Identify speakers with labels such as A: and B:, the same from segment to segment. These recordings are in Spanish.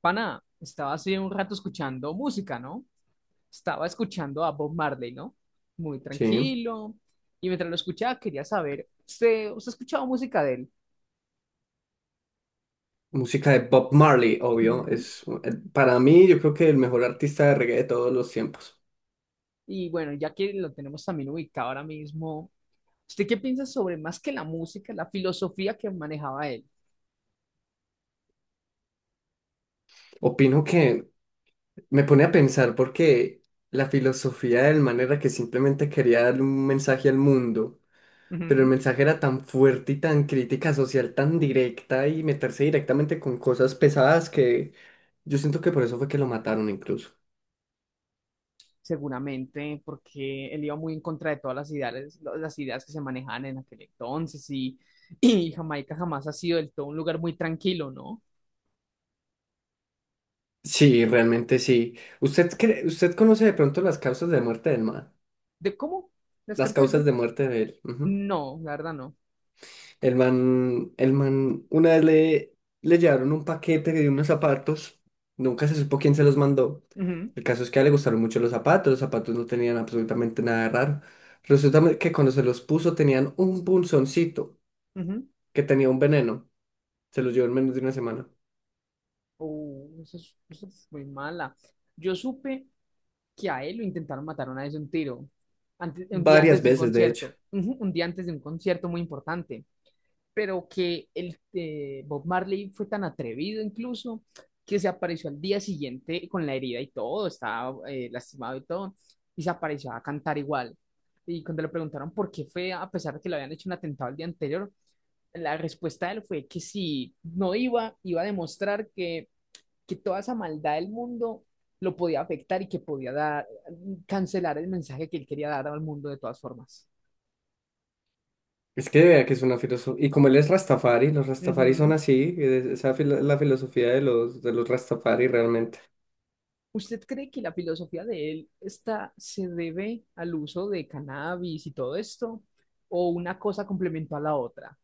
A: Pana, estaba hace un rato escuchando música, ¿no? Estaba escuchando a Bob Marley, ¿no? Muy
B: Sí,
A: tranquilo. Y mientras lo escuchaba, quería saber, ¿usted ha escuchado música de él?
B: música de Bob Marley, obvio.
A: Ujú.
B: Es para mí, yo creo que el mejor artista de reggae de todos los tiempos.
A: Y bueno, ya que lo tenemos también ubicado ahora mismo, ¿usted qué piensa sobre más que la música, la filosofía que manejaba él?
B: Opino que me pone a pensar porque la filosofía del man era que simplemente quería darle un mensaje al mundo, pero el
A: Ujú.
B: mensaje era tan fuerte y tan crítica social, tan directa y meterse directamente con cosas pesadas que yo siento que por eso fue que lo mataron incluso.
A: Seguramente, porque él iba muy en contra de todas las ideas que se manejaban en aquel entonces y Jamaica jamás ha sido del todo un lugar muy tranquilo, ¿no?
B: Sí, realmente sí. ¿Usted cree- usted conoce de pronto las causas de muerte del man?
A: ¿De cómo? ¿La
B: Las
A: escasez de...
B: causas de muerte de él. Ujú.
A: No, la verdad no.
B: El man una vez le llevaron un paquete de unos zapatos, nunca se supo quién se los mandó.
A: Ujú,
B: El caso es que a él le gustaron mucho los zapatos no tenían absolutamente nada de raro. Resulta que cuando se los puso tenían un punzoncito
A: ujú.
B: que tenía un veneno. Se los llevó en menos de una semana.
A: Oh, eso es muy mala. Yo supe que a él lo intentaron matar una vez de un tiro, un día
B: Varias
A: antes de un
B: veces, de hecho.
A: concierto, ujú, un día antes de un concierto muy importante, pero que el Bob Marley fue tan atrevido incluso que se apareció al día siguiente con la herida y todo, estaba lastimado y todo, y se apareció a cantar igual. Y cuando le preguntaron por qué fue, a pesar de que le habían hecho un atentado el día anterior, la respuesta de él fue que si no iba, iba a demostrar que toda esa maldad del mundo lo podía afectar y que podía dar, cancelar el mensaje que él quería dar al mundo de todas formas.
B: Es que vea que es una filosofía. Y como él es Rastafari, los Rastafari son
A: Ujú.
B: así, esa es la filosofía de de los Rastafari realmente.
A: ¿Usted cree que la filosofía de él está, se debe al uso de cannabis y todo esto? ¿O una cosa complementó a la otra?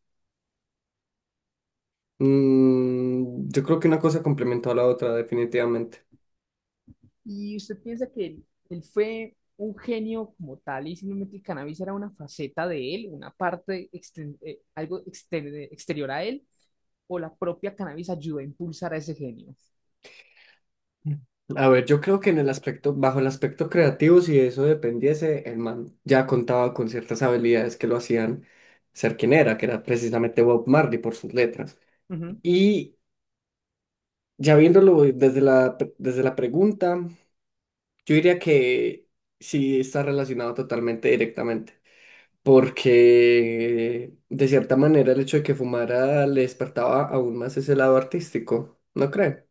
B: Yo creo que una cosa complementó a la otra, definitivamente.
A: Y usted piensa que él fue un genio como tal y simplemente el cannabis era una faceta de él, una parte, algo exterior a él, o la propia cannabis ayudó a impulsar a ese genio.
B: A ver, yo creo que en el aspecto, bajo el aspecto creativo, si eso dependiese, el man ya contaba con ciertas habilidades que lo hacían ser quien era, que era precisamente Bob Marley por sus letras.
A: Ujú.
B: Y ya viéndolo desde desde la pregunta, yo diría que sí está relacionado totalmente directamente, porque de cierta manera el hecho de que fumara le despertaba aún más ese lado artístico, ¿no cree?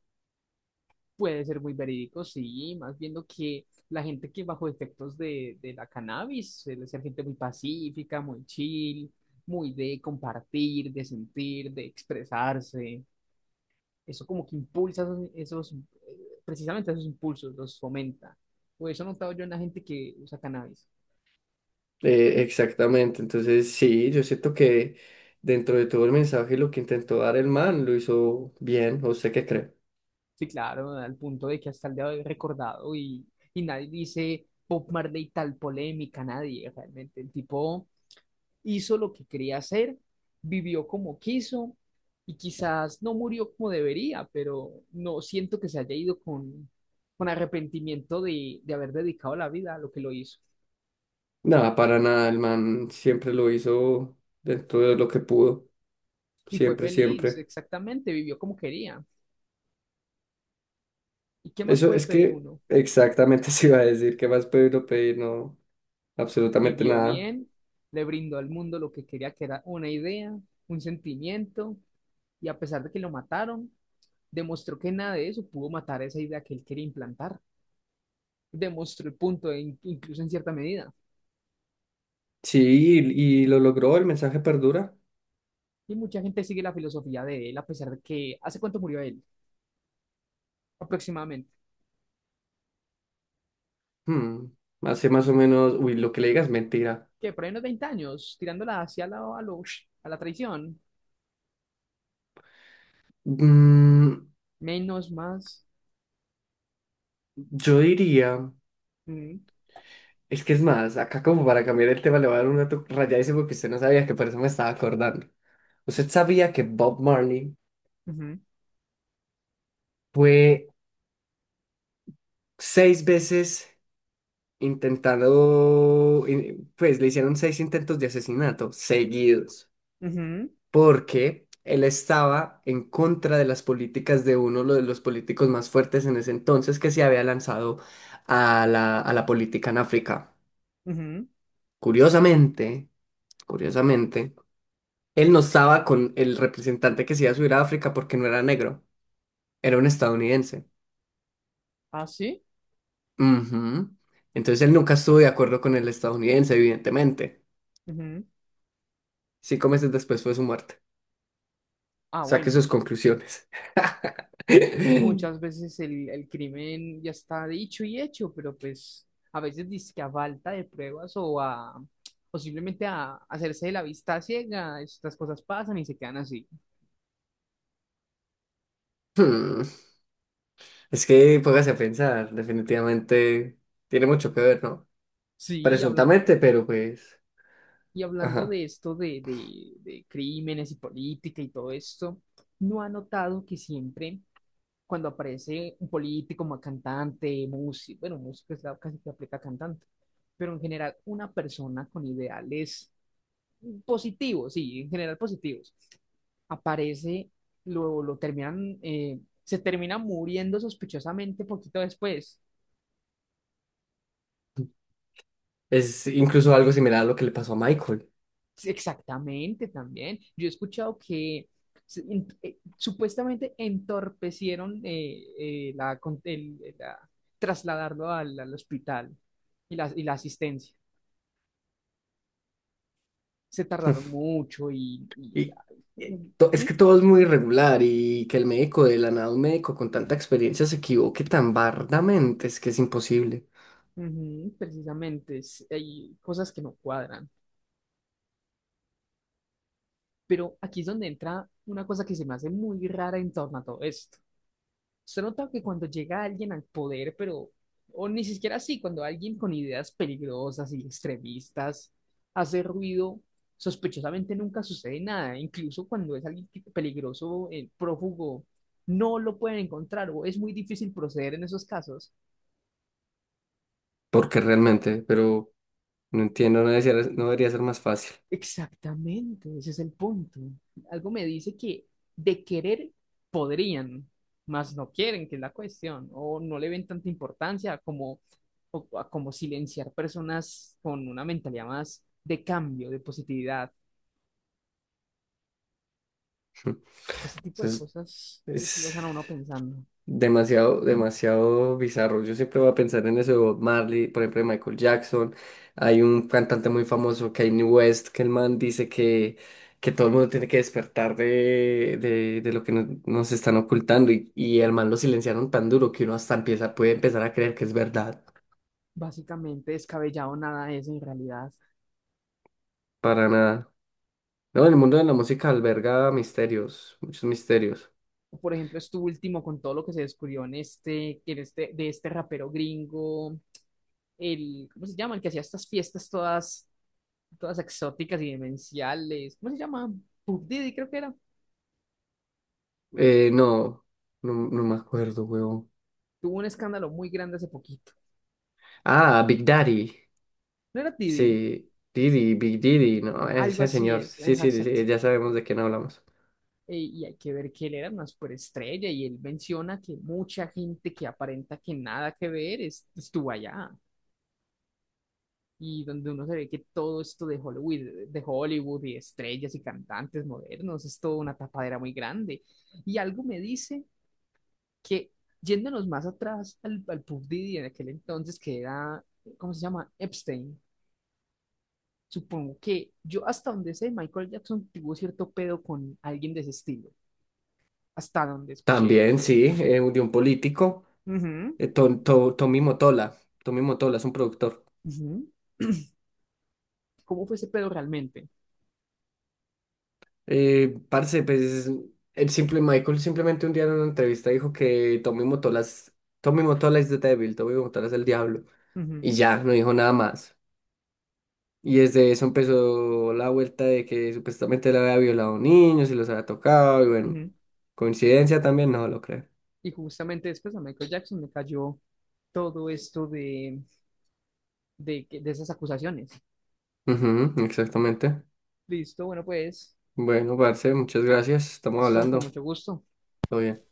A: Puede ser muy verídico, sí, más viendo que la gente que bajo efectos de la cannabis suele ser gente muy pacífica, muy chill, muy de compartir, de sentir, de expresarse. Eso como que impulsa precisamente esos impulsos, los fomenta. O eso he notado yo en la gente que usa cannabis.
B: Exactamente, entonces sí, yo siento que dentro de todo el mensaje lo que intentó dar el man lo hizo bien, ¿o usted qué cree?
A: Sí, claro, al punto de que hasta el día de hoy es recordado, y nadie dice Bob Marley tal polémica, nadie realmente. El tipo hizo lo que quería hacer, vivió como quiso y quizás no murió como debería, pero no siento que se haya ido con arrepentimiento de haber dedicado la vida a lo que lo hizo.
B: Nada, para nada, el man siempre lo hizo dentro de lo que pudo,
A: Y fue
B: siempre,
A: feliz,
B: siempre.
A: exactamente, vivió como quería. ¿Y qué más
B: Eso
A: puede
B: es
A: pedir
B: que
A: uno?
B: exactamente se iba a decir, ¿qué más puede uno pedir? No, absolutamente
A: Vivió
B: nada.
A: bien, le brindó al mundo lo que quería, que era una idea, un sentimiento, y a pesar de que lo mataron, demostró que nada de eso pudo matar esa idea que él quería implantar. Demostró el punto, incluso en cierta medida.
B: Sí, y lo logró, el mensaje perdura.
A: Y mucha gente sigue la filosofía de él, a pesar de que, ¿hace cuánto murió él? Aproximadamente.
B: Hmm, hace más o menos, uy, lo que le digas es mentira.
A: Que por ahí unos 20 años, tirándola hacia a la traición.
B: Mm,
A: Menos, más.
B: yo diría...
A: Mm,
B: Es que es más, acá como para cambiar el tema le voy a dar un dato rayadísimo porque usted no sabía que por eso me estaba acordando. ¿Usted sabía que Bob Marley
A: ujú,
B: fue 6 veces intentando, pues le hicieron 6 intentos de asesinato seguidos,
A: ujú,
B: porque él estaba en contra de las políticas de uno lo de los políticos más fuertes en ese entonces que se había lanzado a a la política en África?
A: ujú.
B: Curiosamente, curiosamente. Él no estaba con el representante que se iba a subir a África porque no era negro, era un estadounidense.
A: Ah, sí.
B: Ujú. Entonces él nunca estuvo de acuerdo con el estadounidense, evidentemente.
A: Ujú.
B: 5 meses después fue su muerte.
A: Ah,
B: Saque sus
A: bueno.
B: conclusiones.
A: Muchas veces el crimen ya está dicho y hecho, pero pues a veces dizque a falta de pruebas o simplemente a hacerse de la vista ciega, estas cosas pasan y se quedan así.
B: Hmm, es que póngase a pensar, definitivamente tiene mucho que ver, ¿no?
A: Sí, y hablan,
B: Presuntamente, pero pues,
A: y hablando
B: ajá.
A: de esto de crímenes y política y todo esto, ¿no ha notado que siempre cuando aparece un político, un cantante, músico, bueno, músico es la casi que aplica a cantante, pero en general una persona con ideales positivos, sí, en general positivos. Aparece, lo terminan, se termina muriendo sospechosamente poquito después.
B: Es incluso algo similar a lo que le pasó a Michael.
A: Sí, exactamente, también. Yo he escuchado que supuestamente entorpecieron la, con- el- la- trasladarlo al hospital y la asistencia. Se tardaron mucho
B: Y
A: ¿Mm?
B: es que todo es muy irregular y que el médico de la nada, un médico con tanta experiencia se equivoque tan bardamente, es que es imposible.
A: Ujú, precisamente, es- hay cosas que no cuadran. Pero aquí es donde entra una cosa que se me hace muy rara en torno a todo esto. Se nota que cuando llega alguien al poder, pero, o ni siquiera así, cuando alguien con ideas peligrosas y extremistas hace ruido, sospechosamente nunca sucede nada. Incluso cuando es alguien que- peligroso, prófugo, no lo pueden encontrar o es muy difícil proceder en esos casos.
B: Porque realmente, pero no entiendo, no debería, no debería ser más fácil.
A: Exactamente, ese es el punto. Algo me dice que de querer podrían, mas no quieren, que es la cuestión, o no le ven tanta importancia como, o- a como silenciar personas con una mentalidad más de cambio, de positividad. Ese tipo de
B: Entonces,
A: cosas es- lo
B: es.
A: dejan a uno pensando.
B: Demasiado, demasiado bizarro. Yo siempre voy a pensar en eso de Bob Marley, por ejemplo, de Michael Jackson. Hay un cantante muy famoso, Kanye West, que el man dice que todo el mundo tiene que despertar de lo que nos están ocultando. Y el man lo silenciaron tan duro que uno hasta empieza, puede empezar a creer que es verdad.
A: Básicamente descabellado nada es en realidad.
B: Para nada. No, el mundo de la música alberga misterios, muchos misterios.
A: O, por ejemplo, esto último con todo lo que se descubrió de este rapero gringo, el, ¿cómo se llama? El que hacía estas fiestas todas exóticas y demenciales. ¿Cómo se llama? Puff Diddy creo que era.
B: Eh, no, no me acuerdo, huevón.
A: Tuvo un escándalo muy grande hace poquito.
B: Ah, Big Daddy.
A: ¿No era Diddy?
B: Sí, Didi, Big Didi, no,
A: Algo
B: ese
A: así
B: señor.
A: es,
B: Sí,
A: ajá,
B: sí,
A: exacto.
B: sí, ya sabemos de quién hablamos.
A: Y hay que ver que él era una superestrella y él menciona que mucha gente que aparenta que nada que ver estuvo allá. Y donde uno se ve que todo esto de Hollywood y estrellas y cantantes modernos es toda una tapadera muy grande. Y algo me dice que yéndonos más atrás al pub Didi en aquel entonces, que era, ¿cómo se llama? Epstein. Supongo que yo hasta donde sé, Michael Jackson tuvo cierto pedo con alguien de ese estilo, hasta donde escuché.
B: También, sí, de un político,
A: Ujú,
B: Tommy Motola. Tommy Motola es un productor.
A: ujú. ¿Cómo fue ese pedo realmente?
B: Parce, pues, el simple Michael simplemente un día en una entrevista dijo que Tommy Motola es the devil, Tommy Motola es el diablo. Y
A: Ujú,
B: ya, no dijo nada más. Y desde eso empezó la vuelta de que supuestamente le había violado niños y los había tocado. Y bueno,
A: ujú.
B: coincidencia también, no lo creo.
A: Y justamente después a Michael Jackson me cayó todo esto de esas acusaciones.
B: Ujú, exactamente.
A: Listo, bueno, pues,
B: Bueno, parce muchas gracias. Estamos
A: listo, con
B: hablando.
A: mucho gusto.
B: Todo bien.